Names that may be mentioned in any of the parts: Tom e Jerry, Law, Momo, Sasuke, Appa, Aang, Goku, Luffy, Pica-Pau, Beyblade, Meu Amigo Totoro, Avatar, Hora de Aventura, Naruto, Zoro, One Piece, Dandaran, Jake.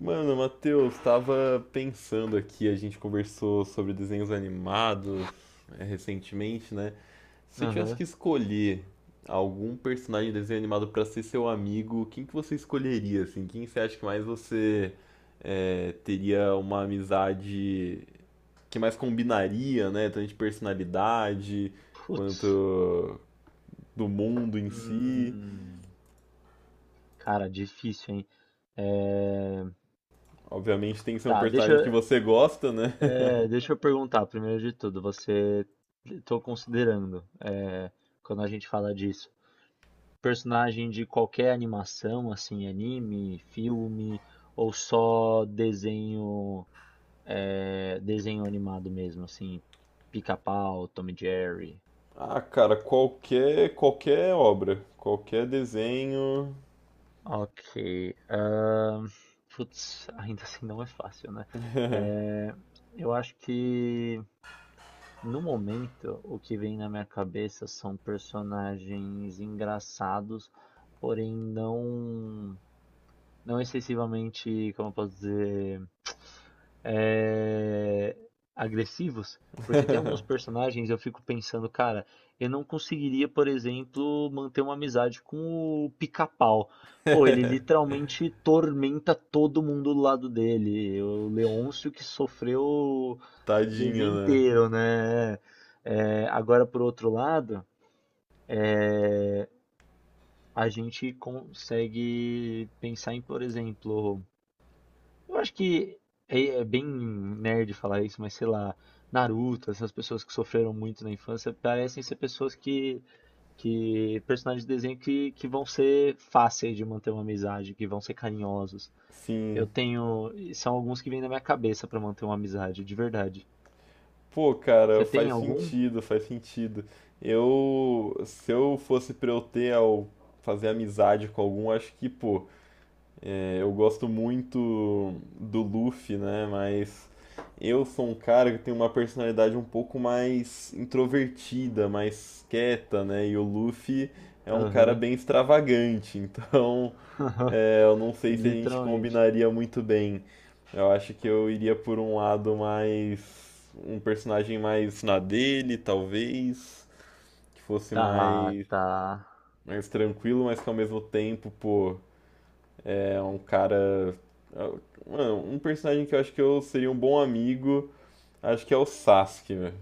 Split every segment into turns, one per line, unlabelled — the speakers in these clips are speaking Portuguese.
Mano, Matheus, tava pensando aqui, a gente conversou sobre desenhos animados recentemente, né? Se você tivesse
Aham.
que escolher algum personagem de desenho animado pra ser seu amigo, quem que você escolheria, assim? Quem você acha que mais teria uma amizade que mais combinaria, né? Tanto de personalidade
Putz.
quanto do mundo em si.
Hum. Cara, difícil, hein? É,
Obviamente tem que ser um
Tá, deixa,
personagem que
eu-
você gosta, né?
deixa eu perguntar, primeiro de tudo, você... Tô considerando, quando a gente fala disso, personagem de qualquer animação, assim, anime, filme, ou só desenho, desenho animado mesmo, assim, Pica-Pau, Tom e Jerry.
Ah, cara, qualquer obra, qualquer desenho.
Ok. ahn, Putz, ainda assim não é fácil, né? É, eu acho que no momento o que vem na minha cabeça são personagens engraçados, porém não, não excessivamente, como eu posso dizer é, agressivos, porque tem alguns personagens eu fico pensando, cara, eu não conseguiria, por exemplo, manter uma amizade com o Pica-Pau. Pô, ele literalmente tormenta todo mundo do lado dele. O Leôncio que sofreu o
Tadinha,
desenho
né?
inteiro, né? É, agora, por outro lado, a gente consegue pensar em, por exemplo, eu acho que é bem nerd falar isso, mas sei lá, Naruto, essas pessoas que sofreram muito na infância, parecem ser pessoas que personagens de desenho que vão ser fáceis de manter uma amizade, que vão ser carinhosos.
Sim.
Eu tenho, e são alguns que vêm na minha cabeça pra manter uma amizade, de verdade.
Pô, cara,
Você tem
faz
algum?
sentido, faz sentido. Eu, se eu fosse pra eu ter ao fazer amizade com algum, acho que, pô, eu gosto muito do Luffy, né? Mas eu sou um cara que tem uma personalidade um pouco mais introvertida, mais quieta, né? E o Luffy é um cara
Aham.
bem extravagante, então eu não sei se a gente
Literalmente.
combinaria muito bem. Eu acho que eu iria por um lado mais. Um personagem mais na dele, talvez. Que fosse
Tá,
mais,
tá.
mais tranquilo, mas que ao mesmo tempo, pô, é um cara. Mano, um personagem que eu acho que eu seria um bom amigo, acho que é o Sasuke, velho.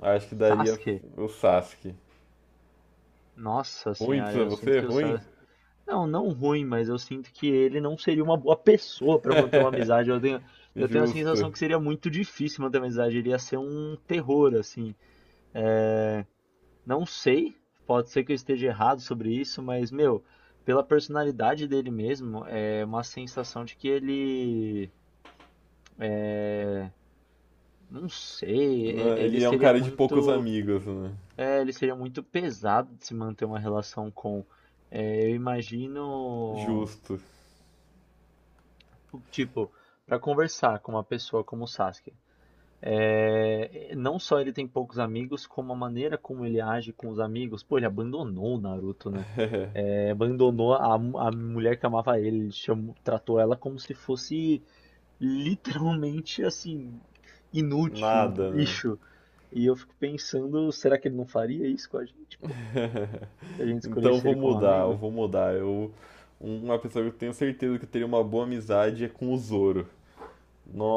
Acho que daria
Sasuke?
o Sasuke.
Nossa
Ruim
senhora,
pra
eu sinto
você?
que o
Ruim?
Sasuke. Não, não ruim, mas eu sinto que ele não seria uma boa pessoa pra manter uma amizade. Eu tenho, eu tenho a sensação
Justo.
que seria muito difícil manter uma amizade. Ele ia ser um terror, assim. É, não sei, pode ser que eu esteja errado sobre isso, mas, meu, pela personalidade dele mesmo, é uma sensação de que ele. é, Não sei,
Né?
ele
Ele é um
seria
cara de poucos
muito,
amigos, né?
ele seria muito pesado de se manter uma relação com. É, eu imagino.
Justo.
Tipo, para conversar com uma pessoa como o Sasuke, é, não só ele tem poucos amigos, como a maneira como ele age com os amigos. Pô, ele abandonou o Naruto, né? Abandonou a mulher que amava ele, ele tratou ela como se fosse literalmente assim, inútil, um
Nada, né?
lixo. E eu fico pensando, será que ele não faria isso com a gente, pô? Se a gente
Então eu
escolhesse
vou
ele como
mudar, eu
amigo?
vou mudar. Eu, uma pessoa que eu tenho certeza que eu teria uma boa amizade é com o Zoro.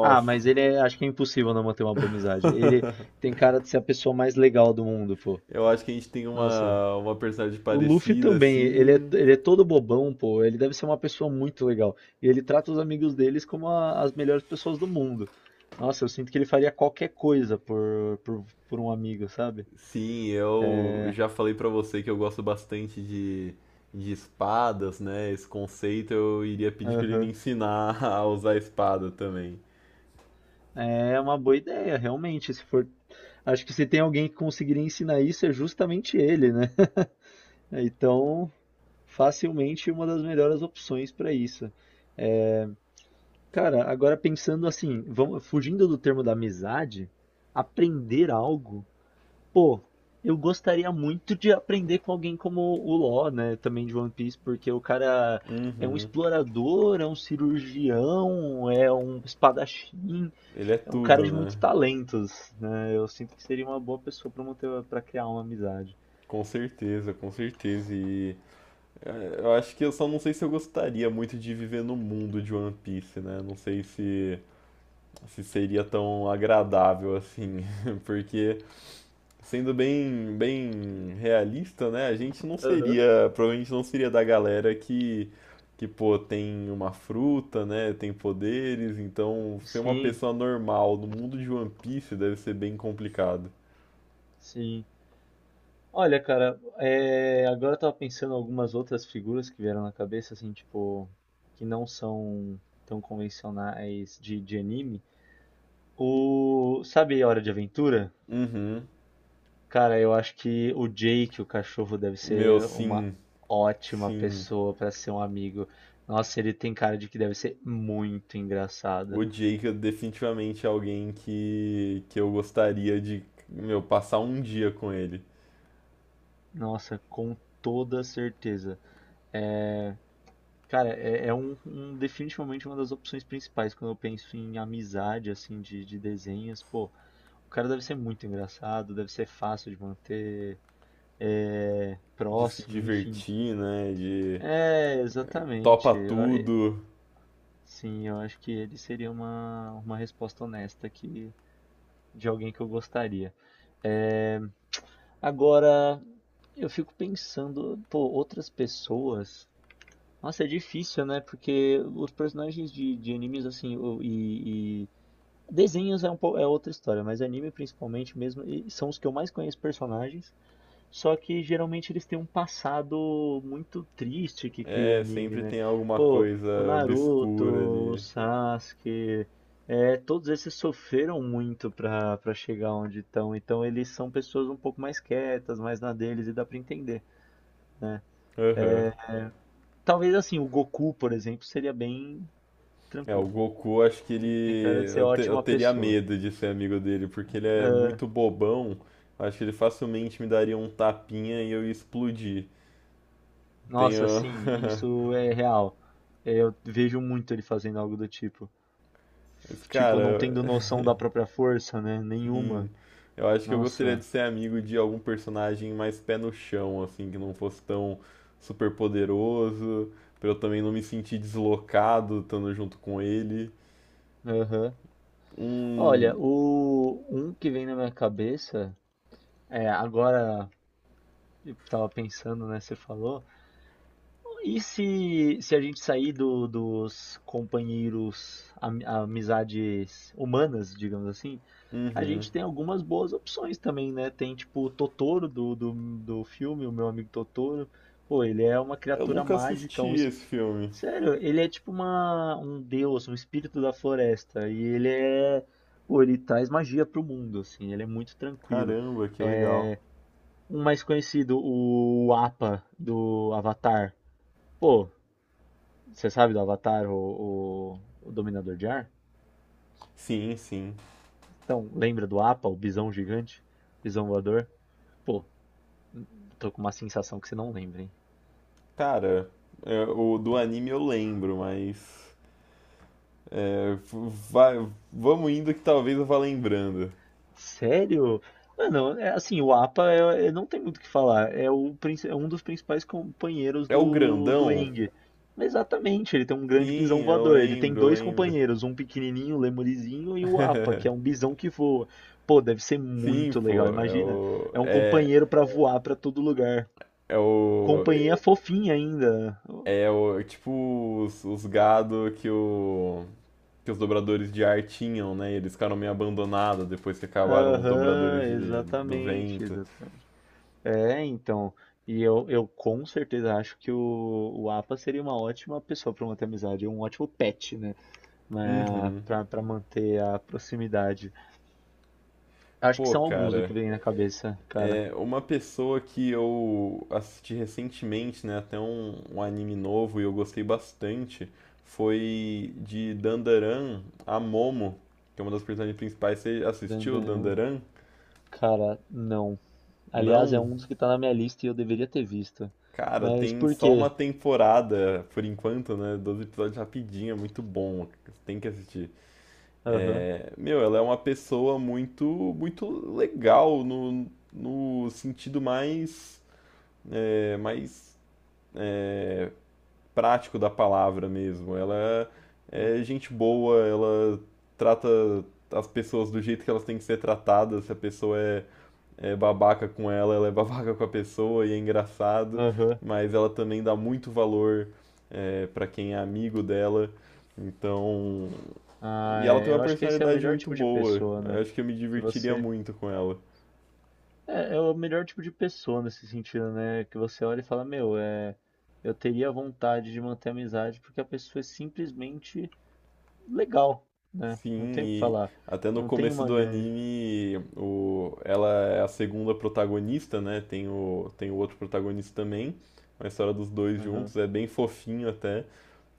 Ah, mas ele é, acho que é impossível não manter uma boa amizade. Ele tem cara de ser a pessoa mais legal do mundo, pô.
eu acho que a gente tem
Nossa.
uma personalidade
O Luffy
parecida,
também,
assim.
ele é todo bobão, pô. Ele deve ser uma pessoa muito legal. E ele trata os amigos deles como as melhores pessoas do mundo. Nossa, eu sinto que ele faria qualquer coisa por um amigo, sabe?
Sim, eu já falei pra você que eu gosto bastante de espadas, né? Esse conceito eu iria pedir pra ele me
Aham.
ensinar a usar espada também.
É uma boa ideia, realmente. Se for, acho que se tem alguém que conseguiria ensinar isso, é justamente ele, né? Então, facilmente uma das melhores opções para isso. É, cara, agora pensando assim, vamos, fugindo do termo da amizade, aprender algo, pô, eu gostaria muito de aprender com alguém como o Law, né, também de One Piece, porque o cara é um
Uhum.
explorador, é um cirurgião, é um espadachim,
Ele é
é um cara
tudo,
de muitos
né?
talentos, né? Eu sinto que seria uma boa pessoa para manter, para criar uma amizade.
Com certeza, com certeza. E eu acho que eu só não sei se eu gostaria muito de viver no mundo de One Piece, né? Não sei se, se seria tão agradável assim, porque sendo bem, bem realista, né? A gente não
Aham.
seria, provavelmente não seria da galera que pô, tem uma fruta, né? Tem poderes, então ser uma
Sim,
pessoa normal no mundo de One Piece deve ser bem complicado.
sim. Olha, cara, agora eu tava pensando em algumas outras figuras que vieram na cabeça, assim, tipo, que não são tão convencionais de anime. Sabe Hora de Aventura?
Uhum.
Cara, eu acho que o Jake, o cachorro, deve
Meu,
ser uma
sim,
ótima
sim.
pessoa pra ser um amigo. Nossa, ele tem cara de que deve ser muito
O
engraçado.
Jake é definitivamente é alguém que eu gostaria de, meu, passar um dia com ele.
Nossa, com toda certeza. É, Cara, definitivamente uma das opções principais quando eu penso em amizade, assim, de desenhos. Pô, o cara deve ser muito engraçado, deve ser fácil de manter,
De se
próximo, enfim.
divertir, né? De
É,
topa
exatamente.
tudo.
Sim, eu acho que ele seria uma resposta honesta, que, de alguém que eu gostaria. É, agora, eu fico pensando, pô, outras pessoas. Nossa, é difícil, né? Porque os personagens de animes, assim, desenhos é, é outra história, mas anime principalmente mesmo, e são os que eu mais conheço personagens, só que geralmente eles têm um passado muito triste que cria o
É,
anime,
sempre
né?
tem alguma
Pô, o
coisa
Naruto,
obscura
o
ali.
Sasuke, é, todos esses sofreram muito pra chegar onde estão, então eles são pessoas um pouco mais quietas, mais na deles, e dá pra entender, né?
Aham.
Talvez assim, o Goku, por exemplo, seria bem
É, o
tranquilo.
Goku, acho que
Ele tem cara
ele.
de ser
Eu
ótima
teria
pessoa.
medo de ser amigo dele, porque ele é
Ah,
muito bobão. Acho que ele facilmente me daria um tapinha e eu ia explodir.
nossa,
Tenho.
sim, isso é real. É, eu vejo muito ele fazendo algo do tipo.
Mas,
Tipo, não
cara,
tendo noção da própria força, né? Nenhuma.
assim. Eu acho que eu gostaria de
Nossa.
ser amigo de algum personagem mais pé no chão, assim, que não fosse tão super poderoso, pra eu também não me sentir deslocado estando junto com ele.
Aham. Olha,
Um,
o um que vem na minha cabeça é agora, eu tava pensando, né? Você falou. E se a gente sair dos companheiros, amizades humanas, digamos assim, a
uhum.
gente tem algumas boas opções também, né? Tem tipo o Totoro do filme, o meu amigo Totoro. Pô, ele é uma
Eu
criatura
nunca
mágica,
assisti esse filme.
sério, ele é tipo uma, um deus, um espírito da floresta. E ele é. Pô, ele traz magia pro mundo, assim, ele é muito tranquilo.
Caramba, que legal.
É. Um mais conhecido, o Appa do Avatar. Pô, você sabe do Avatar, o Dominador de Ar?
Sim, sim.
Então, lembra do Appa, o bisão gigante, bisão voador? Pô, tô com uma sensação que você não lembra, hein?
Cara, é, o do anime eu lembro, mas. é, Vai, vamos indo que talvez eu vá lembrando.
Sério? Mano, é assim, o APA não tem muito o que falar. É, é um dos principais companheiros
É o
do
grandão?
Aang. Exatamente, ele tem um grande bisão
Sim, eu
voador. Ele tem
lembro, eu
dois
lembro.
companheiros, um pequenininho, um lemurizinho, e o APA, que é um bisão que voa. Pô, deve ser
Sim,
muito legal,
pô, é
imagina.
o.
É um
É,
companheiro pra voar pra todo lugar.
é o.
Companhia fofinha ainda.
É o, tipo os gado que, o, que os dobradores de ar tinham, né? E eles ficaram meio abandonados depois que acabaram os dobradores
Aham,
de- do
exatamente,
vento.
é, então. E eu com certeza acho que o Apa seria uma ótima pessoa para manter a amizade, um ótimo pet, né?
Uhum.
Para manter a proximidade. Acho que
Pô,
são alguns do
cara.
que vem na cabeça, cara.
É uma pessoa que eu assisti recentemente, né? Até um, um anime novo e eu gostei bastante. Foi de Dandaran a Momo, que é uma das personagens principais. Você
Dan,
assistiu
dan, dan.
Dandaran?
Cara, não. Aliás, é
Não?
um dos que tá na minha lista e eu deveria ter visto.
Cara,
Mas
tem
por
só uma
quê?
temporada por enquanto, né? 12 episódios rapidinho, é muito bom. Tem que assistir.
Aham,
É, meu, ela é uma pessoa muito, muito legal no, no sentido mais, mais é, prático da palavra mesmo. Ela é é gente boa, ela trata as pessoas do jeito que elas têm que ser tratadas. Se a pessoa é é babaca com ela, ela é babaca com a pessoa e é engraçado,
aham.
mas ela também dá muito valor para quem é amigo dela. Então,
Ah,
e ela tem
é,
uma
eu acho que esse é o
personalidade
melhor
muito
tipo de
boa.
pessoa,
Eu
né?
acho que eu me
Que
divertiria
você.
muito com ela.
É, é o melhor tipo de pessoa nesse sentido, né? Que você olha e fala, meu, é, eu teria vontade de manter a amizade porque a pessoa é simplesmente legal, né? Não
Sim,
tem o que
e
falar.
até no
Não tem
começo
uma
do
grande.
anime, o, ela é a segunda protagonista, né? Tem o, tem o outro protagonista também. A história dos dois
Aham.
juntos é bem fofinho até.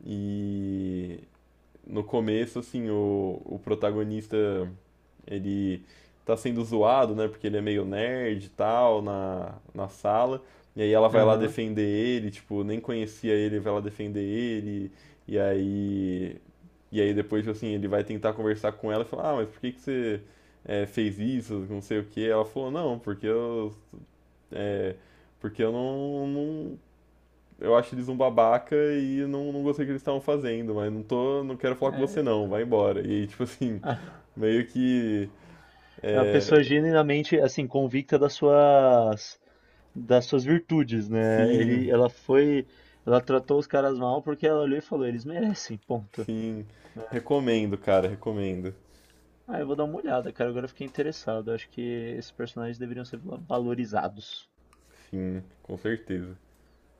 E no começo, assim, o protagonista ele tá sendo zoado, né? Porque ele é meio nerd e tal na, na sala. E aí ela vai lá
Aham.
defender ele, tipo, nem conhecia ele, vai lá defender ele. E aí. E aí depois, tipo assim, ele vai tentar conversar com ela e falar, ah, mas por que que você fez isso? Não sei o quê. Ela falou, não, porque eu. é, Porque eu não, não- eu acho eles um babaca e não, não gostei do que eles estavam fazendo, mas não tô. Não quero falar com você
É,
não, vai embora. E aí, tipo assim,
a-
meio que.
é uma pessoa
É,
genuinamente, assim, convicta das suas virtudes, né?
sim,
Ela foi, ela tratou os caras mal porque ela olhou e falou, eles merecem, ponto.
sim. Recomendo, cara, recomendo.
Ah, eu vou dar uma olhada, cara. Agora eu fiquei interessado. Acho que esses personagens deveriam ser valorizados.
Sim, com certeza.